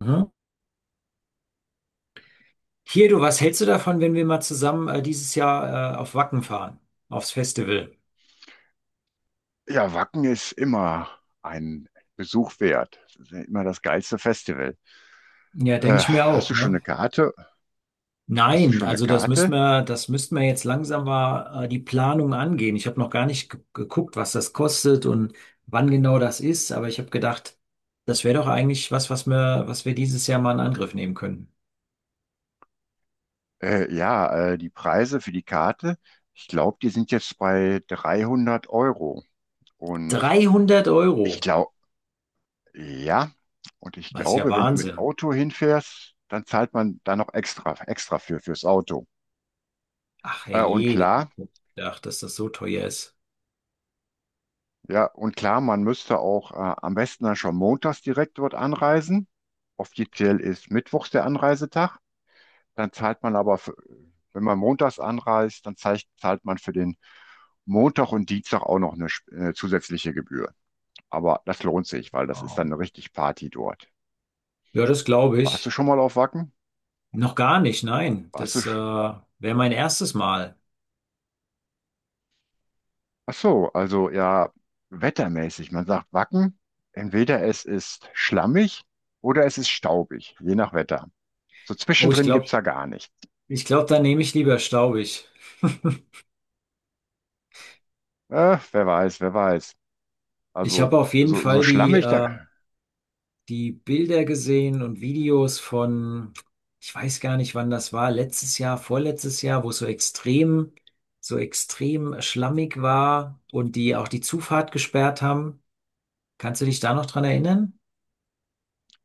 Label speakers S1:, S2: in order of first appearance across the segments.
S1: Mhm. Hier, du, was hältst du davon, wenn wir mal zusammen dieses Jahr auf Wacken fahren, aufs Festival?
S2: Ja, Wacken ist immer ein Besuch wert. Das ist ja immer das geilste Festival.
S1: Ja, denke ich mir
S2: Hast
S1: auch,
S2: du schon eine
S1: ne?
S2: Karte? Hast du
S1: Nein,
S2: schon eine
S1: also das müssten
S2: Karte?
S1: wir, das müssten wir jetzt langsam mal die Planung angehen. Ich habe noch gar nicht geguckt, was das kostet und wann genau das ist, aber ich habe gedacht, das wäre doch eigentlich was, was wir dieses Jahr mal in Angriff nehmen können.
S2: Ja, die Preise für die Karte, ich glaube, die sind jetzt bei 300 Euro. Und
S1: 300
S2: ich
S1: Euro,
S2: glaube, ja,
S1: das ist ja
S2: wenn du mit
S1: Wahnsinn.
S2: Auto hinfährst, dann zahlt man da noch extra fürs Auto.
S1: Ach
S2: Äh, und
S1: herrje, das- ich
S2: klar,
S1: hab gedacht, dass das so teuer ist.
S2: Ja, und klar, man müsste auch am besten dann schon montags direkt dort anreisen. Offiziell ist mittwochs der Anreisetag. Dann zahlt man aber, wenn man montags anreist, dann zahlt man für den Montag und Dienstag auch noch eine, zusätzliche Gebühr. Aber das lohnt sich, weil das ist dann
S1: Oh.
S2: eine richtig Party dort.
S1: Ja, das glaube
S2: Warst du
S1: ich.
S2: schon mal auf Wacken?
S1: Noch gar nicht, nein.
S2: Warst du?
S1: Das
S2: sch-
S1: wäre mein erstes Mal.
S2: Ach so, also ja, wettermäßig. Man sagt Wacken, entweder es ist schlammig oder es ist staubig, je nach Wetter. So
S1: Oh, ich
S2: zwischendrin
S1: glaube,
S2: gibt's ja gar nichts.
S1: ich glaube, dann nehme ich lieber staubig.
S2: Wer weiß, wer weiß.
S1: Ich
S2: Also
S1: habe auf jeden
S2: so
S1: Fall die,
S2: schlammig da.
S1: die Bilder gesehen und Videos von, ich weiß gar nicht, wann das war, letztes Jahr, vorletztes Jahr, wo es so extrem schlammig war und die auch die Zufahrt gesperrt haben. Kannst du dich da noch dran erinnern?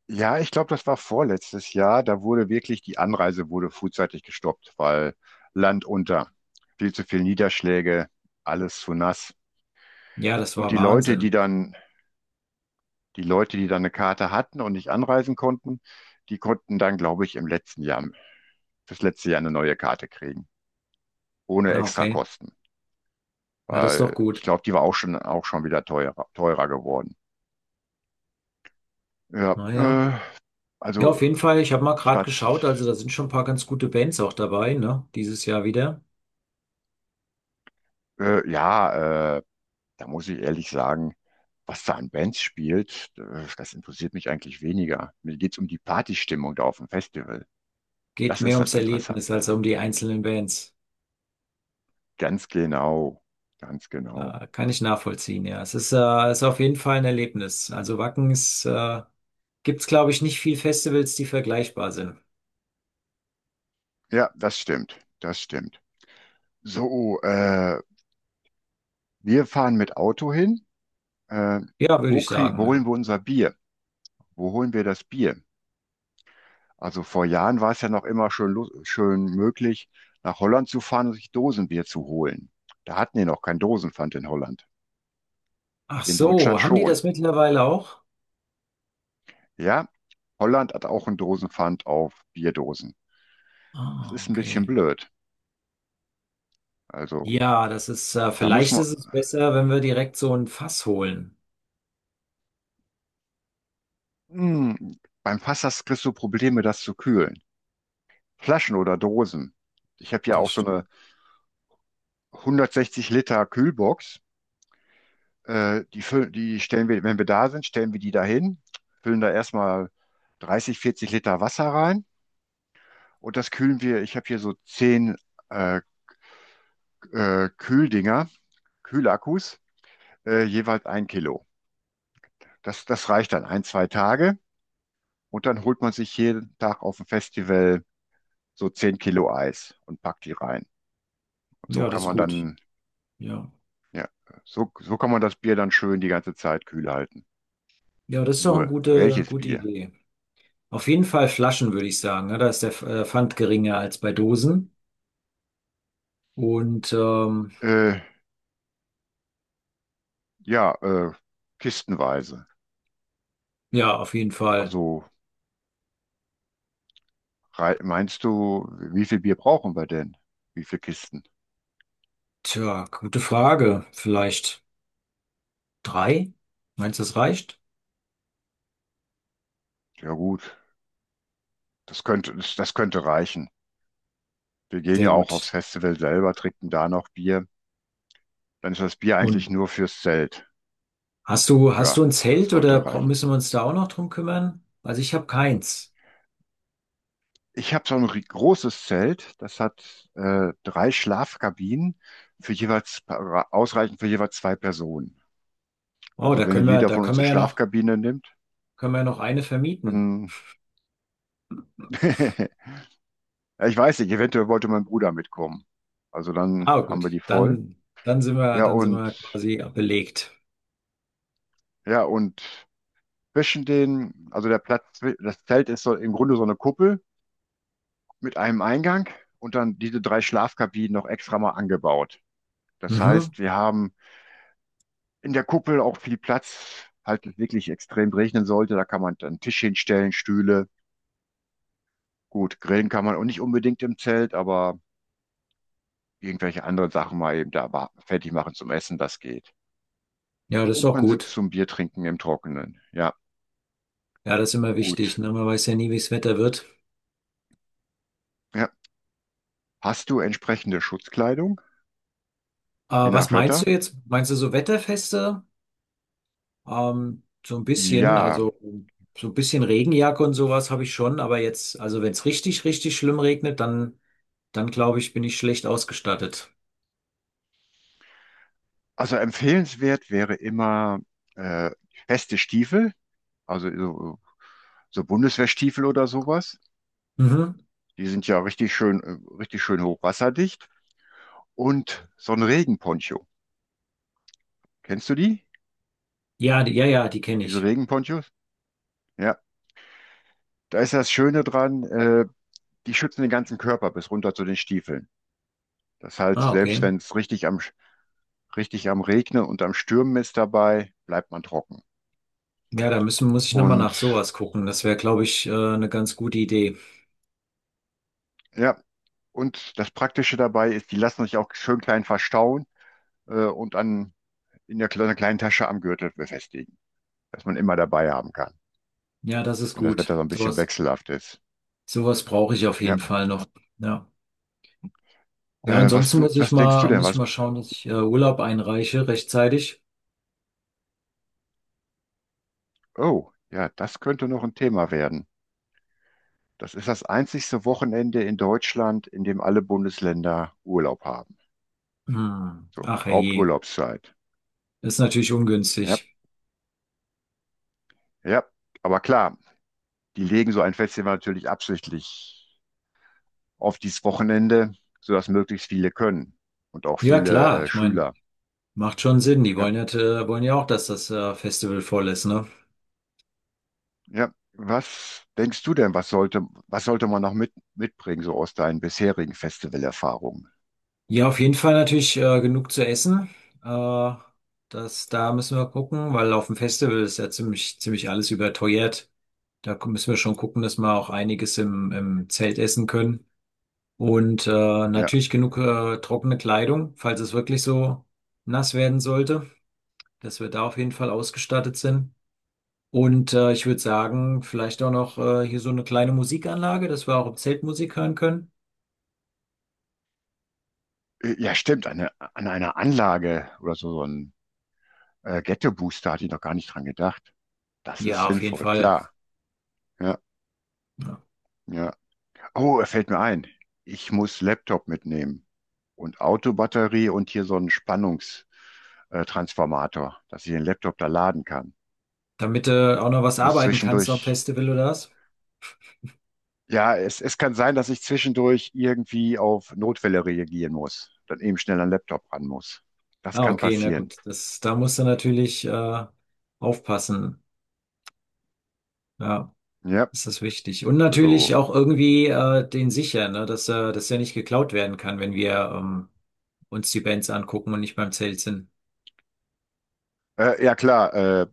S2: Ja, ich glaube, das war vorletztes Jahr. Da wurde wirklich die Anreise wurde frühzeitig gestoppt, weil Land unter, viel zu viel Niederschläge, alles zu nass.
S1: Ja, das
S2: Und
S1: war Wahnsinn.
S2: die Leute, die dann eine Karte hatten und nicht anreisen konnten, die konnten dann, glaube ich, fürs letzte Jahr eine neue Karte kriegen, ohne
S1: Ah, okay.
S2: Extrakosten.
S1: Na, das ist doch
S2: Weil ich
S1: gut.
S2: glaube, die war auch schon wieder teurer, geworden. Ja,
S1: Naja. Ja,
S2: also
S1: auf jeden Fall. Ich habe mal
S2: ich
S1: gerade
S2: war
S1: geschaut, also da sind schon ein paar ganz gute Bands auch dabei, ne? Dieses Jahr wieder.
S2: Ja, da muss ich ehrlich sagen, was da an Bands spielt, das interessiert mich eigentlich weniger. Mir geht's um die Partystimmung da auf dem Festival.
S1: Geht
S2: Das
S1: mehr
S2: ist das
S1: ums Erlebnis
S2: Interessante.
S1: als um die einzelnen Bands.
S2: Ganz genau, ganz genau.
S1: Kann ich nachvollziehen, ja. Ist auf jeden Fall ein Erlebnis. Also Wacken ist, gibt's, glaube ich, nicht viel Festivals, die vergleichbar sind.
S2: Ja, das stimmt, das stimmt. So, wir fahren mit Auto hin. Äh,
S1: Ja, würde ich
S2: wo
S1: sagen,
S2: holen
S1: ja.
S2: wir unser Bier? Wo holen wir das Bier? Also vor Jahren war es ja noch immer schön, schön möglich, nach Holland zu fahren und sich Dosenbier zu holen. Da hatten die noch kein Dosenpfand in Holland.
S1: Ach
S2: In Deutschland
S1: so, haben die
S2: schon.
S1: das mittlerweile auch?
S2: Ja, Holland hat auch einen Dosenpfand auf Bierdosen. Das
S1: Ah,
S2: ist ein bisschen
S1: okay.
S2: blöd. Also,
S1: Ja, das ist,
S2: da muss
S1: vielleicht
S2: man,
S1: ist es besser, wenn wir direkt so ein Fass holen.
S2: hm, beim Fass kriegst du Probleme, das zu kühlen. Flaschen oder Dosen. Ich habe ja auch
S1: Das
S2: so eine
S1: stimmt.
S2: 160 Liter Kühlbox. Die stellen wir, wenn wir da sind, stellen wir die dahin, füllen da erstmal 30, 40 Liter Wasser rein und das kühlen wir. Ich habe hier so 10 äh, äh, Kühldinger, Kühlakkus, jeweils ein Kilo. Das reicht dann ein, zwei Tage und dann holt man sich jeden Tag auf dem Festival so 10 Kilo Eis und packt die rein. Und
S1: Ja, das ist gut. Ja.
S2: ja, so kann man das Bier dann schön die ganze Zeit kühl halten.
S1: Ja, das ist doch eine
S2: Nur,
S1: gute,
S2: welches
S1: gute
S2: Bier?
S1: Idee. Auf jeden Fall Flaschen, würde ich sagen, ne? Da ist der Pfand geringer als bei Dosen. Und
S2: Äh, ja, kistenweise.
S1: ja, auf jeden Fall.
S2: Also meinst du, wie viel Bier brauchen wir denn? Wie viele Kisten?
S1: Tja, gute Frage. Vielleicht drei? Meinst du, das reicht?
S2: Ja gut, das könnte reichen. Wir gehen ja
S1: Sehr
S2: auch aufs
S1: gut.
S2: Festival selber, trinken da noch Bier. Dann ist das Bier eigentlich
S1: Und
S2: nur fürs Zelt.
S1: hast du, hast
S2: Ja,
S1: du ein
S2: das
S1: Zelt oder
S2: sollte reichen.
S1: müssen wir uns da auch noch drum kümmern? Also ich habe keins.
S2: Ich habe so ein großes Zelt, das hat drei Schlafkabinen für jeweils ausreichend für jeweils zwei Personen.
S1: Oh,
S2: Also wenn jeder
S1: da
S2: von uns
S1: können
S2: eine
S1: wir ja noch,
S2: Schlafkabine nimmt,
S1: können wir ja noch eine vermieten.
S2: dann ja, ich weiß nicht, eventuell wollte mein Bruder mitkommen. Also dann
S1: Ah,
S2: haben
S1: gut.
S2: wir die voll.
S1: Dann, dann sind wir,
S2: Ja
S1: dann sind
S2: und
S1: wir quasi belegt.
S2: ja und also der Platz, das Zelt ist so im Grunde so eine Kuppel mit einem Eingang und dann diese drei Schlafkabinen noch extra mal angebaut. Das
S1: Mhm.
S2: heißt, wir haben in der Kuppel auch viel Platz, falls es wirklich extrem regnen sollte. Da kann man dann einen Tisch hinstellen, Stühle. Gut, grillen kann man auch nicht unbedingt im Zelt, aber irgendwelche anderen Sachen mal eben da fertig machen zum Essen, das geht.
S1: Ja, das ist
S2: Und
S1: doch
S2: man sitzt
S1: gut.
S2: zum Bier trinken im Trockenen. Ja,
S1: Ja, das ist immer wichtig,
S2: gut.
S1: ne? Man weiß ja nie, wie das Wetter wird.
S2: Ja. Hast du entsprechende Schutzkleidung, je
S1: Was
S2: nach
S1: meinst
S2: Wetter?
S1: du jetzt? Meinst du so Wetterfeste? So ein bisschen,
S2: Ja,
S1: also so ein bisschen Regenjacke und sowas habe ich schon, aber jetzt, also wenn es richtig, richtig schlimm regnet, dann, dann glaube ich, bin ich schlecht ausgestattet.
S2: also empfehlenswert wäre immer äh, feste Stiefel, also so Bundeswehrstiefel oder sowas.
S1: Mhm.
S2: Die sind ja richtig schön hochwasserdicht. Und so ein Regenponcho. Kennst du die?
S1: Ja, die kenne
S2: Diese
S1: ich.
S2: Regenponchos? Ja, da ist das Schöne dran, die schützen den ganzen Körper bis runter zu den Stiefeln. Das heißt,
S1: Ah,
S2: selbst
S1: okay.
S2: wenn es richtig am Regnen und am Stürmen ist dabei, bleibt man trocken.
S1: Ja, muss ich nochmal
S2: Und
S1: nach sowas gucken. Das wäre, glaube ich, eine ganz gute Idee.
S2: ja, und das Praktische dabei ist, die lassen sich auch schön klein verstauen und an, in der, kle- einer kleinen Tasche am Gürtel befestigen, dass man immer dabei haben kann,
S1: Ja, das ist
S2: wenn das Wetter so
S1: gut.
S2: ein bisschen wechselhaft ist.
S1: Sowas brauche ich auf jeden
S2: Ja,
S1: Fall noch. Ja. Ja, ansonsten muss ich
S2: was denkst du
S1: mal,
S2: denn?
S1: muss ich
S2: Was
S1: mal schauen, dass ich Urlaub einreiche rechtzeitig.
S2: Oh, ja, das könnte noch ein Thema werden. Das ist das einzigste Wochenende in Deutschland, in dem alle Bundesländer Urlaub haben.
S1: Hm.
S2: So,
S1: Ach herrje,
S2: Haupturlaubszeit.
S1: ist natürlich
S2: Ja,
S1: ungünstig.
S2: ja. Aber klar, die legen so ein Festival natürlich absichtlich auf dieses Wochenende, sodass möglichst viele können und auch
S1: Ja,
S2: viele
S1: klar, ich meine,
S2: Schüler.
S1: macht schon Sinn.
S2: Ja,
S1: Wollen ja auch, dass das Festival voll ist, ne?
S2: ja. Was denkst du denn, was sollte man noch mitbringen, so aus deinen bisherigen Festivalerfahrungen?
S1: Ja, auf jeden Fall natürlich genug zu essen. Äh, Das, da müssen wir gucken, weil auf dem Festival ist ja ziemlich alles überteuert. Da müssen wir schon gucken, dass wir auch einiges im Zelt essen können. Und
S2: Ja.
S1: natürlich genug trockene Kleidung, falls es wirklich so nass werden sollte, dass wir da auf jeden Fall ausgestattet sind. Und ich würde sagen, vielleicht auch noch hier so eine kleine Musikanlage, dass wir auch im Zelt Musik hören können.
S2: Ja, stimmt, an einer Anlage oder so ein Ghetto-Booster hatte ich noch gar nicht dran gedacht. Das ist
S1: Ja, auf jeden
S2: sinnvoll,
S1: Fall.
S2: klar. Ja,
S1: Ja.
S2: ja. Oh, er fällt mir ein. Ich muss Laptop mitnehmen und Autobatterie und hier so einen Spannungs Transformator, dass ich den Laptop da laden kann.
S1: Damit du auch noch
S2: Ich
S1: was
S2: muss
S1: arbeiten kannst am
S2: zwischendurch,
S1: Festival oder was?
S2: ja, es kann sein, dass ich zwischendurch irgendwie auf Notfälle reagieren muss, dann eben schnell an den Laptop ran muss. Das
S1: Ah,
S2: kann
S1: okay, na
S2: passieren.
S1: gut. Das, da musst du natürlich aufpassen. Ja.
S2: Ja,
S1: Das ist wichtig. Und
S2: also,
S1: natürlich auch irgendwie den sichern, ne? Dass, dass er nicht geklaut werden kann, wenn wir uns die Bands angucken und nicht beim Zelt sind.
S2: ja klar,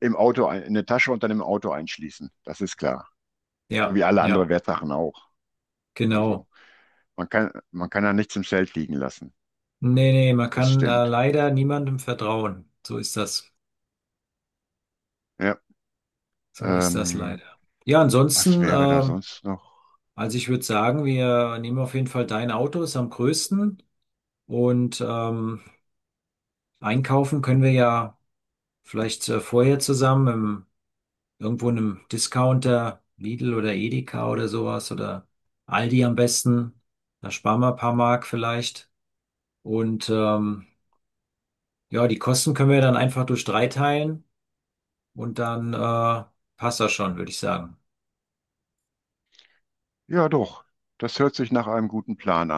S2: im Auto, in eine Tasche und dann im Auto einschließen. Das ist klar. So
S1: Ja,
S2: wie alle anderen
S1: ja,
S2: Wertsachen auch. Also
S1: genau.
S2: man kann da nichts im Zelt liegen lassen.
S1: Nee, nee, man
S2: Das
S1: kann
S2: stimmt.
S1: leider niemandem vertrauen. So ist das.
S2: Ja.
S1: So ist das
S2: Ähm,
S1: leider. Ja,
S2: was
S1: ansonsten,
S2: wäre da sonst noch?
S1: also ich würde sagen, wir nehmen auf jeden Fall dein Auto, ist am größten. Und einkaufen können wir ja vielleicht vorher zusammen irgendwo in einem Discounter, Lidl oder Edeka oder sowas oder Aldi am besten. Da sparen wir ein paar Mark vielleicht. Und ja, die Kosten können wir dann einfach durch drei teilen und dann passt das schon, würde ich sagen.
S2: Ja, doch. Das hört sich nach einem guten Plan an.